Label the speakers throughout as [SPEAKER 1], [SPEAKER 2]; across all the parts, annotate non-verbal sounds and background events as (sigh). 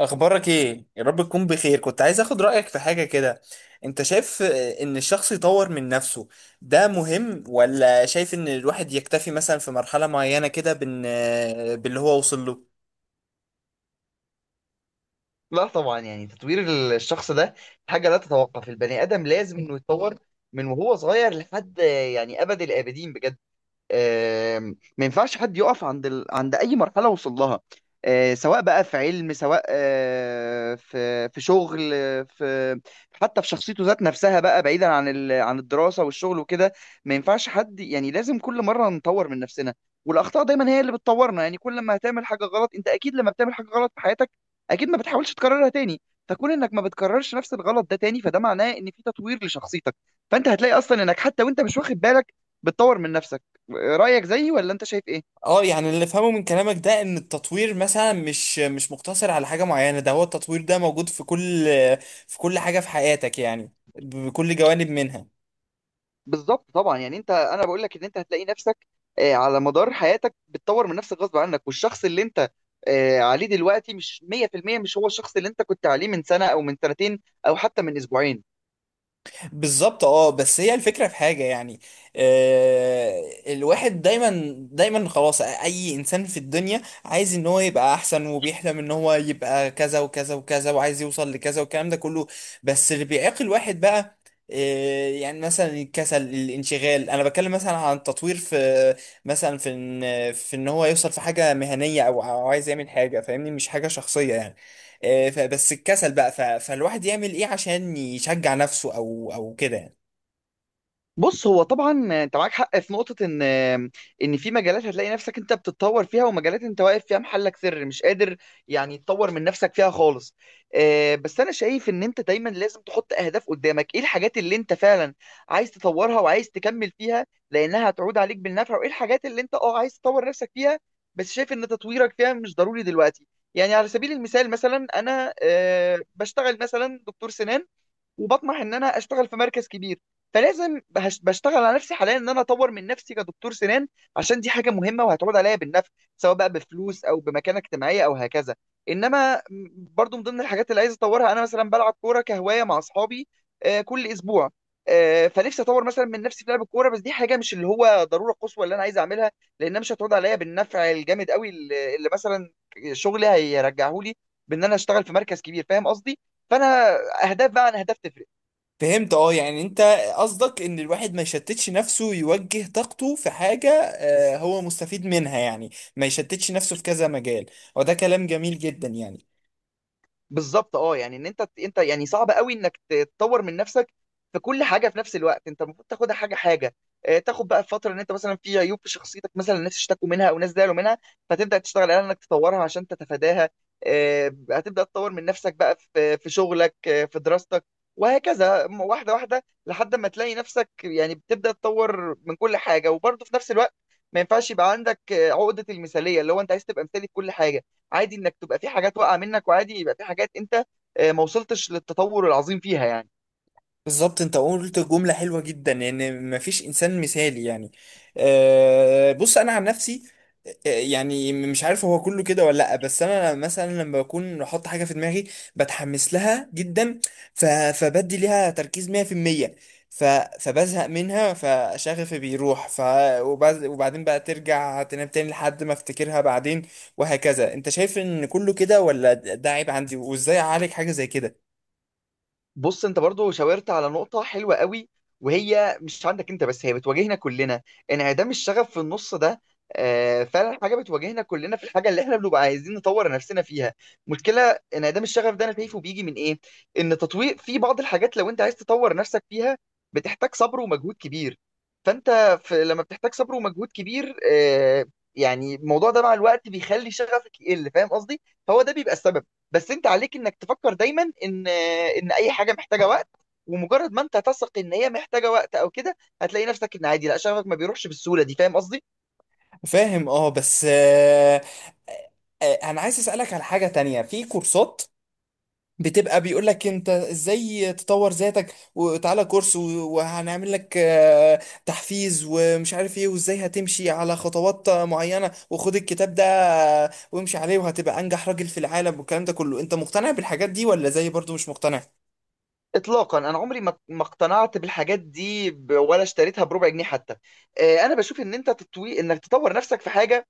[SPEAKER 1] اخبارك ايه؟ يا رب تكون بخير. كنت عايز اخد رايك في حاجه كده. انت شايف ان الشخص يطور من نفسه ده مهم ولا شايف ان الواحد يكتفي مثلا في مرحله معينه كده بان باللي هو وصل له؟
[SPEAKER 2] لا طبعا، يعني تطوير الشخص ده حاجة لا تتوقف. البني آدم لازم إنه يتطور من وهو صغير لحد يعني أبد الآبدين بجد. ما ينفعش حد يقف عند عند اي مرحله وصل لها. سواء بقى في علم، سواء في شغل، في حتى في شخصيته ذات نفسها، بقى بعيدا عن عن الدراسه والشغل وكده. ما ينفعش حد، يعني لازم كل مره نطور من نفسنا. والاخطاء دايما هي اللي بتطورنا. يعني كل ما هتعمل حاجه غلط، انت اكيد لما بتعمل حاجه غلط في حياتك اكيد ما بتحاولش تكررها تاني. فكون انك ما بتكررش نفس الغلط ده تاني، فده معناه ان في تطوير لشخصيتك. فانت هتلاقي اصلا انك حتى وانت مش واخد بالك بتطور من نفسك. رأيك زيي ولا انت شايف ايه؟
[SPEAKER 1] اه، يعني اللي فهمه من كلامك ده ان التطوير مثلا مش مقتصر على حاجه معينه، ده هو التطوير ده موجود في كل في كل حاجه في حياتك يعني بكل جوانب منها.
[SPEAKER 2] بالظبط، طبعا، يعني انت، انا بقول لك ان انت هتلاقي نفسك على مدار حياتك بتطور من نفسك غصب عنك. والشخص اللي انت عليه دلوقتي مش 100% مش هو الشخص اللي انت كنت عليه من سنة او من سنتين او حتى من اسبوعين.
[SPEAKER 1] بالظبط اه. بس هي الفكرة في حاجة يعني، الواحد دايما دايما خلاص، اي انسان في الدنيا عايز ان هو يبقى احسن، وبيحلم ان هو يبقى كذا وكذا وكذا وعايز يوصل لكذا والكلام ده كله. بس اللي بيعيق الواحد بقى يعني مثلا الكسل، الانشغال. انا بتكلم مثلا عن التطوير في، مثلا في ان، في ان هو يوصل في حاجة مهنية او عايز يعمل حاجة، فاهمني؟ مش حاجة شخصية يعني. فبس الكسل بقى، فالواحد يعمل ايه عشان يشجع نفسه او كده يعني؟
[SPEAKER 2] بص، هو طبعا انت معاك حق في نقطة، ان في مجالات هتلاقي نفسك انت بتتطور فيها، ومجالات انت واقف فيها محلك سر مش قادر يعني تطور من نفسك فيها خالص. بس انا شايف ان انت دايما لازم تحط اهداف قدامك، ايه الحاجات اللي انت فعلا عايز تطورها وعايز تكمل فيها لانها هتعود عليك بالنفع، وايه الحاجات اللي انت اه عايز تطور نفسك فيها بس شايف ان تطويرك فيها مش ضروري دلوقتي. يعني على سبيل المثال، مثلا انا بشتغل مثلا دكتور سنان وبطمح ان انا اشتغل في مركز كبير. فلازم بشتغل على نفسي حاليا ان انا اطور من نفسي كدكتور سنان، عشان دي حاجه مهمه وهتعود عليا بالنفع، سواء بقى بفلوس او بمكانه اجتماعيه او هكذا. انما برضو من ضمن الحاجات اللي عايز اطورها، انا مثلا بلعب كوره كهوايه مع اصحابي كل اسبوع. فنفسي اطور مثلا من نفسي في لعب الكوره، بس دي حاجه مش اللي هو ضروره قصوى اللي انا عايز اعملها، لانها مش هتعود عليا بالنفع الجامد قوي اللي مثلا شغلي هيرجعه لي بان انا اشتغل في مركز كبير، فاهم قصدي؟ فانا، اهداف بقى عن اهداف تفرق.
[SPEAKER 1] فهمت، اه. يعني انت قصدك ان الواحد ما يشتتش نفسه، يوجه طاقته في حاجة هو مستفيد منها يعني، ما يشتتش نفسه في كذا مجال. وده كلام جميل جدا يعني.
[SPEAKER 2] بالظبط، اه يعني ان انت يعني صعب قوي انك تطور من نفسك في كل حاجه في نفس الوقت. انت المفروض تاخدها حاجه حاجه. تاخد بقى الفتره ان انت مثلا في عيوب في شخصيتك، مثلا الناس اشتكوا منها او ناس زعلوا منها، فتبدا تشتغل على انك تطورها عشان تتفاداها. هتبدا تطور من نفسك بقى في شغلك، في دراستك، وهكذا واحده واحده، لحد ما تلاقي نفسك يعني بتبدا تطور من كل حاجه وبرضه في نفس الوقت. ما ينفعش يبقى عندك عقده المثاليه اللي هو انت عايز تبقى مثالي في كل حاجه. عادي انك تبقى في حاجات واقعه منك، وعادي يبقى في حاجات انت ما وصلتش للتطور العظيم فيها يعني.
[SPEAKER 1] بالظبط. انت قلت جملة حلوة جدا يعني مفيش انسان مثالي يعني. أه، بص انا عن نفسي، يعني مش عارف هو كله كده ولا لا، بس انا مثلا لما بكون احط حاجة في دماغي بتحمس لها جدا. فبدي ليها تركيز 100%. ف... فبزهق منها، فشغفي بيروح. وبعدين بقى ترجع تنام تاني لحد ما افتكرها بعدين وهكذا. انت شايف ان كله كده ولا ده عيب عندي؟ وازاي اعالج حاجة زي كده؟
[SPEAKER 2] بص، انت برضو شاورت على نقطة حلوة قوي، وهي مش عندك انت بس، هي بتواجهنا كلنا. انعدام الشغف في النص ده فعلا حاجة بتواجهنا كلنا في الحاجة اللي احنا بنبقى عايزين نطور نفسنا فيها. مشكلة انعدام الشغف ده، انا شايفه بيجي من ايه؟ ان تطوير في بعض الحاجات لو انت عايز تطور نفسك فيها بتحتاج صبر ومجهود كبير. فانت في لما بتحتاج صبر ومجهود كبير يعني الموضوع ده مع الوقت بيخلي شغفك يقل، فاهم قصدي؟ فهو ده بيبقى السبب. بس انت عليك انك تفكر دايما ان اي حاجه محتاجه وقت، ومجرد ما انت تثق ان هي محتاجه وقت او كده هتلاقي نفسك ان عادي، لا شغفك ما بيروحش بالسهوله دي، فاهم قصدي؟
[SPEAKER 1] فاهم، اه. بس انا عايز اسالك على حاجه تانية. في كورسات بتبقى بيقول لك انت ازاي تطور ذاتك، وتعالى كورس وهنعمل لك تحفيز ومش عارف ايه، وازاي هتمشي على خطوات معينه، وخد الكتاب ده وامشي عليه وهتبقى انجح راجل في العالم والكلام ده كله. انت مقتنع بالحاجات دي ولا زي برضو مش مقتنع؟
[SPEAKER 2] اطلاقا، انا عمري ما اقتنعت بالحاجات دي ولا اشتريتها بربع جنيه حتى. انا بشوف ان انت تطوي انك تطور نفسك في حاجه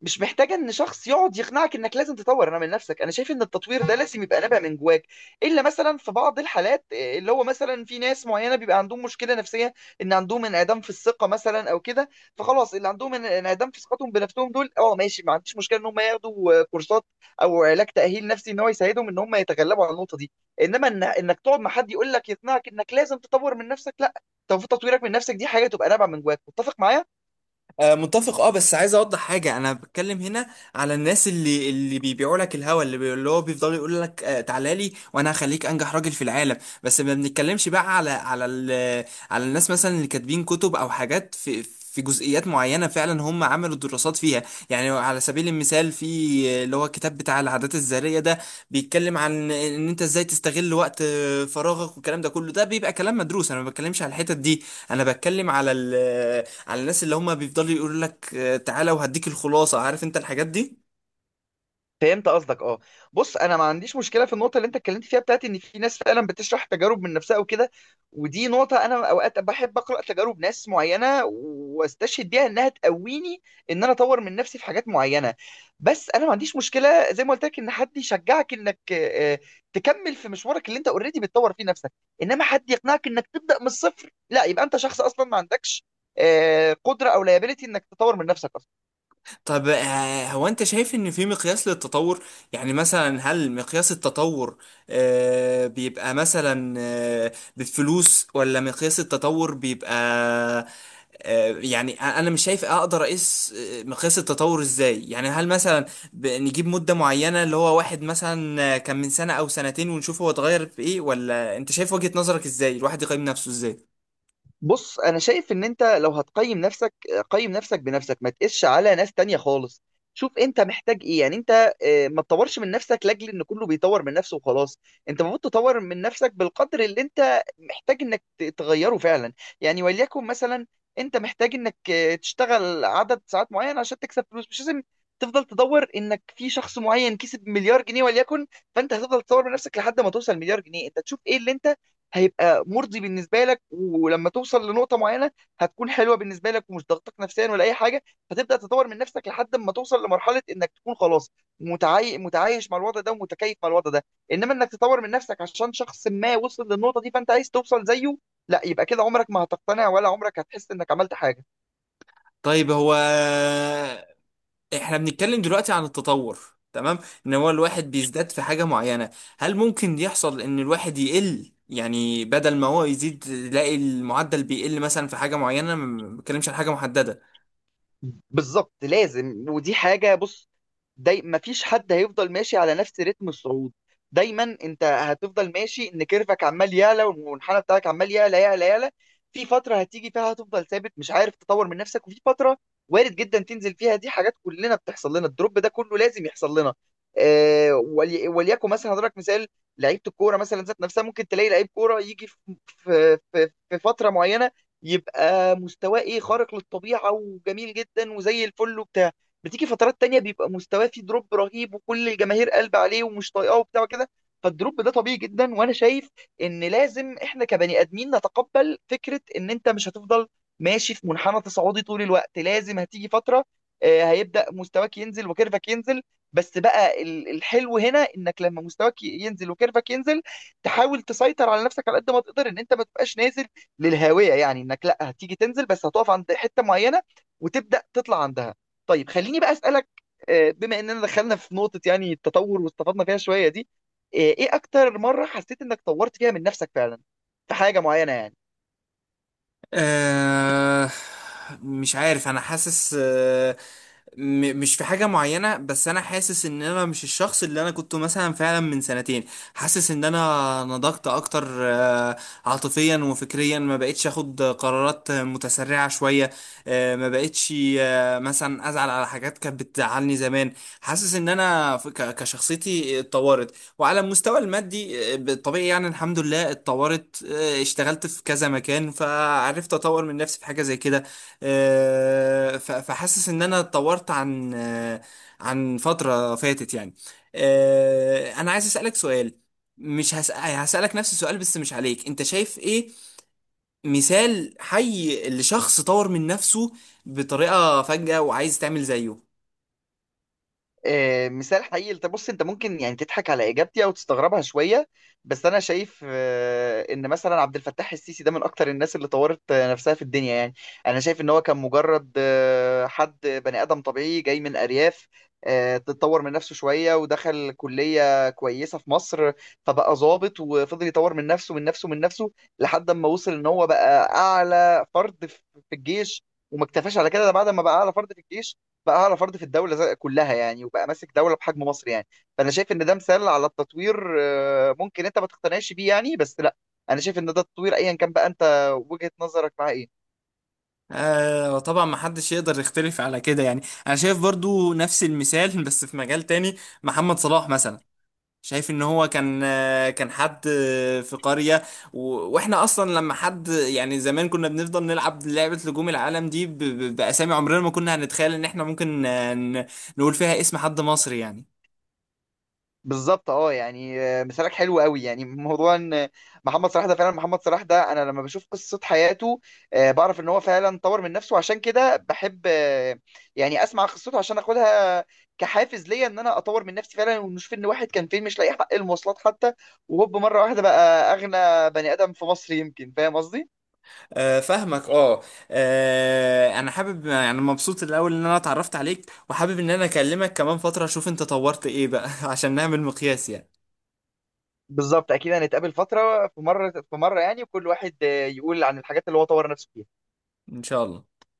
[SPEAKER 2] مش محتاجه ان شخص يقعد يقنعك انك لازم تطور انا من نفسك. انا شايف ان التطوير ده لازم يبقى نابع من جواك. الا مثلا في بعض الحالات اللي هو مثلا في ناس معينه بيبقى عندهم مشكله نفسيه ان عندهم انعدام في الثقه مثلا او كده. فخلاص اللي عندهم انعدام في ثقتهم بنفسهم دول، اه ماشي، ما عنديش مشكله ان هم ياخدوا كورسات او علاج تاهيل نفسي ان هو يساعدهم ان هم يتغلبوا على النقطه دي. انما إن انك تقعد مع حد يقول لك يقنعك انك لازم تطور من نفسك، لا. طب تطويرك من نفسك دي حاجه تبقى نابعه من جواك، متفق معايا؟
[SPEAKER 1] متفق، اه. بس عايز اوضح حاجه، انا بتكلم هنا على الناس اللي بيبيعوا لك الهوا، اللي هو بيفضلوا يقول لك تعالى لي وانا هخليك انجح راجل في العالم. بس ما بنتكلمش بقى على الناس مثلا اللي كاتبين كتب او حاجات في في جزئيات معينه فعلا هم عملوا دراسات فيها. يعني على سبيل المثال، في اللي هو الكتاب بتاع العادات الذريه ده، بيتكلم عن ان انت ازاي تستغل وقت فراغك والكلام ده كله، ده بيبقى كلام مدروس، انا ما بتكلمش على الحتت دي. انا بتكلم على الناس اللي هم بيفضلوا يقولوا لك تعالى وهديك الخلاصة، عارف انت الحاجات دي؟
[SPEAKER 2] فهمت قصدك، اه. بص، انا ما عنديش مشكله في النقطه اللي انت اتكلمت فيها، بتاعت ان في ناس فعلا بتشرح تجارب من نفسها وكده. ودي نقطه انا اوقات بحب اقرا تجارب ناس معينه واستشهد بيها انها تقويني ان انا اطور من نفسي في حاجات معينه. بس انا ما عنديش مشكله زي ما قلت لك ان حد يشجعك انك تكمل في مشوارك اللي انت اوريدي بتطور فيه نفسك. انما حد يقنعك انك تبدا من الصفر لا، يبقى انت شخص اصلا ما عندكش قدره او لايبيليتي انك تطور من نفسك اصلا.
[SPEAKER 1] طب هو انت شايف ان في مقياس للتطور؟ يعني مثلا هل مقياس التطور بيبقى مثلا بالفلوس، ولا مقياس التطور بيبقى يعني، انا مش شايف اقدر اقيس مقياس التطور ازاي؟ يعني هل مثلا نجيب مدة معينة اللي هو واحد مثلا كان من سنة او سنتين ونشوف هو اتغير في ايه؟ ولا انت شايف وجهة نظرك ازاي، الواحد يقيم نفسه ازاي؟
[SPEAKER 2] بص، انا شايف ان انت لو هتقيم نفسك، قيم نفسك بنفسك، ما تقيسش على ناس تانية خالص. شوف انت محتاج ايه، يعني انت ما تطورش من نفسك لاجل ان كله بيطور من نفسه وخلاص. انت المفروض تطور من نفسك بالقدر اللي انت محتاج انك تغيره فعلا. يعني وليكن مثلا انت محتاج انك تشتغل عدد ساعات معين عشان تكسب فلوس، مش لازم تفضل تدور انك في شخص معين كسب مليار جنيه وليكن. فانت هتفضل تطور من نفسك لحد ما توصل مليار جنيه؟ انت تشوف ايه اللي انت هيبقى مرضي بالنسبه لك، ولما توصل لنقطه معينه هتكون حلوه بالنسبه لك ومش ضغطك نفسيا ولا اي حاجه، فتبدا تطور من نفسك لحد ما توصل لمرحله انك تكون خلاص متعايش مع الوضع ده ومتكيف مع الوضع ده. انما انك تطور من نفسك عشان شخص ما وصل للنقطه دي فانت عايز توصل زيه، لا. يبقى كده عمرك ما هتقتنع ولا عمرك هتحس انك عملت حاجه.
[SPEAKER 1] طيب، هو احنا بنتكلم دلوقتي عن التطور، تمام، ان هو الواحد بيزداد في حاجة معينة، هل ممكن يحصل ان الواحد يقل؟ يعني بدل ما هو يزيد يلاقي المعدل بيقل مثلا في حاجة معينة. ما بتكلمش عن حاجة محددة.
[SPEAKER 2] بالظبط، لازم. ودي حاجه، بص، داي مفيش حد هيفضل ماشي على نفس رتم الصعود. دايما انت هتفضل ماشي ان كيرفك عمال يعلى، والمنحنى بتاعك عمال يعلى يعلى يعلى. في فترة هتيجي فيها هتفضل ثابت مش عارف تطور من نفسك، وفي فترة وارد جدا تنزل فيها. دي حاجات كلنا بتحصل لنا، الدروب ده كله لازم يحصل لنا. آه وليكن مثلا هضرب مثال لعيبة الكورة مثلا ذات نفسها. ممكن تلاقي لعيب كورة يجي في في فترة معينة يبقى مستواه ايه، خارق للطبيعة وجميل جدا وزي الفل وبتاع. بتيجي فترات تانية بيبقى مستواه فيه دروب رهيب وكل الجماهير قلب عليه ومش طايقاه وبتاع كده. فالدروب ده طبيعي جدا. وانا شايف ان لازم احنا كبني ادمين نتقبل فكرة ان انت مش هتفضل ماشي في منحنى تصاعدي طول الوقت، لازم هتيجي فترة هيبدأ مستواك ينزل وكيرفك ينزل. بس بقى الحلو هنا انك لما مستواك ينزل وكيرفك ينزل تحاول تسيطر على نفسك على قد ما تقدر ان انت ما تبقاش نازل للهاوية. يعني انك لا هتيجي تنزل، بس هتقف عند حتة معينة وتبدأ تطلع عندها. طيب، خليني بقى اسالك، بما اننا دخلنا في نقطه يعني التطور واستفدنا فيها شويه دي، ايه اكتر مره حسيت انك طورت فيها من نفسك فعلا في حاجه معينه يعني؟
[SPEAKER 1] آه مش عارف، انا حاسس مش في حاجة معينة، بس أنا حاسس إن أنا مش الشخص اللي أنا كنت مثلا فعلا من سنتين. حاسس إن أنا نضجت أكتر عاطفيا وفكريا، ما بقتش أخد قرارات متسرعة شوية. ما بقتش مثلا أزعل على حاجات كانت بتزعلني زمان. حاسس إن أنا كشخصيتي اتطورت. وعلى المستوى المادي بالطبيعي يعني الحمد لله اتطورت. اشتغلت في كذا مكان فعرفت أطور من نفسي في حاجة زي كده. فحاسس ان انا اتطورت عن عن فترة فاتت يعني. انا عايز اسألك سؤال. مش هسألك نفس السؤال بس مش عليك، انت شايف ايه مثال حي لشخص طور من نفسه بطريقة فجأة وعايز تعمل زيه؟
[SPEAKER 2] مثال حقيقي؟ انت بص، انت ممكن يعني تضحك على اجابتي او تستغربها شويه، بس انا شايف ان مثلا عبد الفتاح السيسي ده من اكتر الناس اللي طورت نفسها في الدنيا يعني. انا شايف ان هو كان مجرد حد بني ادم طبيعي جاي من ارياف. تطور من نفسه شويه ودخل كليه كويسه في مصر، فبقى ضابط وفضل يطور من نفسه من نفسه من نفسه لحد ما وصل ان هو بقى اعلى فرد في الجيش. وما اكتفاش على كده، ده بعد ما بقى اعلى فرد في الجيش بقى اعلى فرد في الدوله كلها يعني، وبقى ماسك دوله بحجم مصر يعني. فانا شايف ان ده مثال على التطوير. ممكن انت ما تقتنعش بيه يعني، بس لا، انا شايف ان ده التطوير ايا كان بقى انت وجهه نظرك معاه ايه.
[SPEAKER 1] آه طبعا، ما حدش يقدر يختلف على كده يعني. انا شايف برضو نفس المثال (laughs) بس في مجال تاني. محمد صلاح مثلا، شايف ان هو كان حد في قرية، واحنا اصلا لما حد يعني زمان كنا بنفضل نلعب لعبة نجوم العالم دي باسامي، عمرنا ما كنا هنتخيل ان احنا ممكن نقول فيها اسم حد مصري يعني.
[SPEAKER 2] بالظبط، اه يعني مثالك حلو قوي. يعني موضوع ان محمد صلاح ده، فعلا محمد صلاح ده انا لما بشوف قصة حياته بعرف ان هو فعلا طور من نفسه. عشان كده بحب يعني اسمع قصته عشان اخدها كحافز ليا ان انا اطور من نفسي فعلا، ونشوف ان واحد كان فين مش لاقي حق المواصلات حتى، وهوب مرة واحدة بقى اغنى بني ادم في مصر يمكن، فاهم قصدي؟
[SPEAKER 1] آه، فاهمك اه. انا حابب يعني، مبسوط الاول ان انا اتعرفت عليك، وحابب ان انا اكلمك كمان فترة اشوف انت طورت ايه بقى (laughs) عشان نعمل مقياس يعني.
[SPEAKER 2] بالظبط، اكيد هنتقابل فترة في مرة في مرة يعني، وكل واحد يقول عن الحاجات اللي هو طور نفسه فيها.
[SPEAKER 1] ان شاء الله.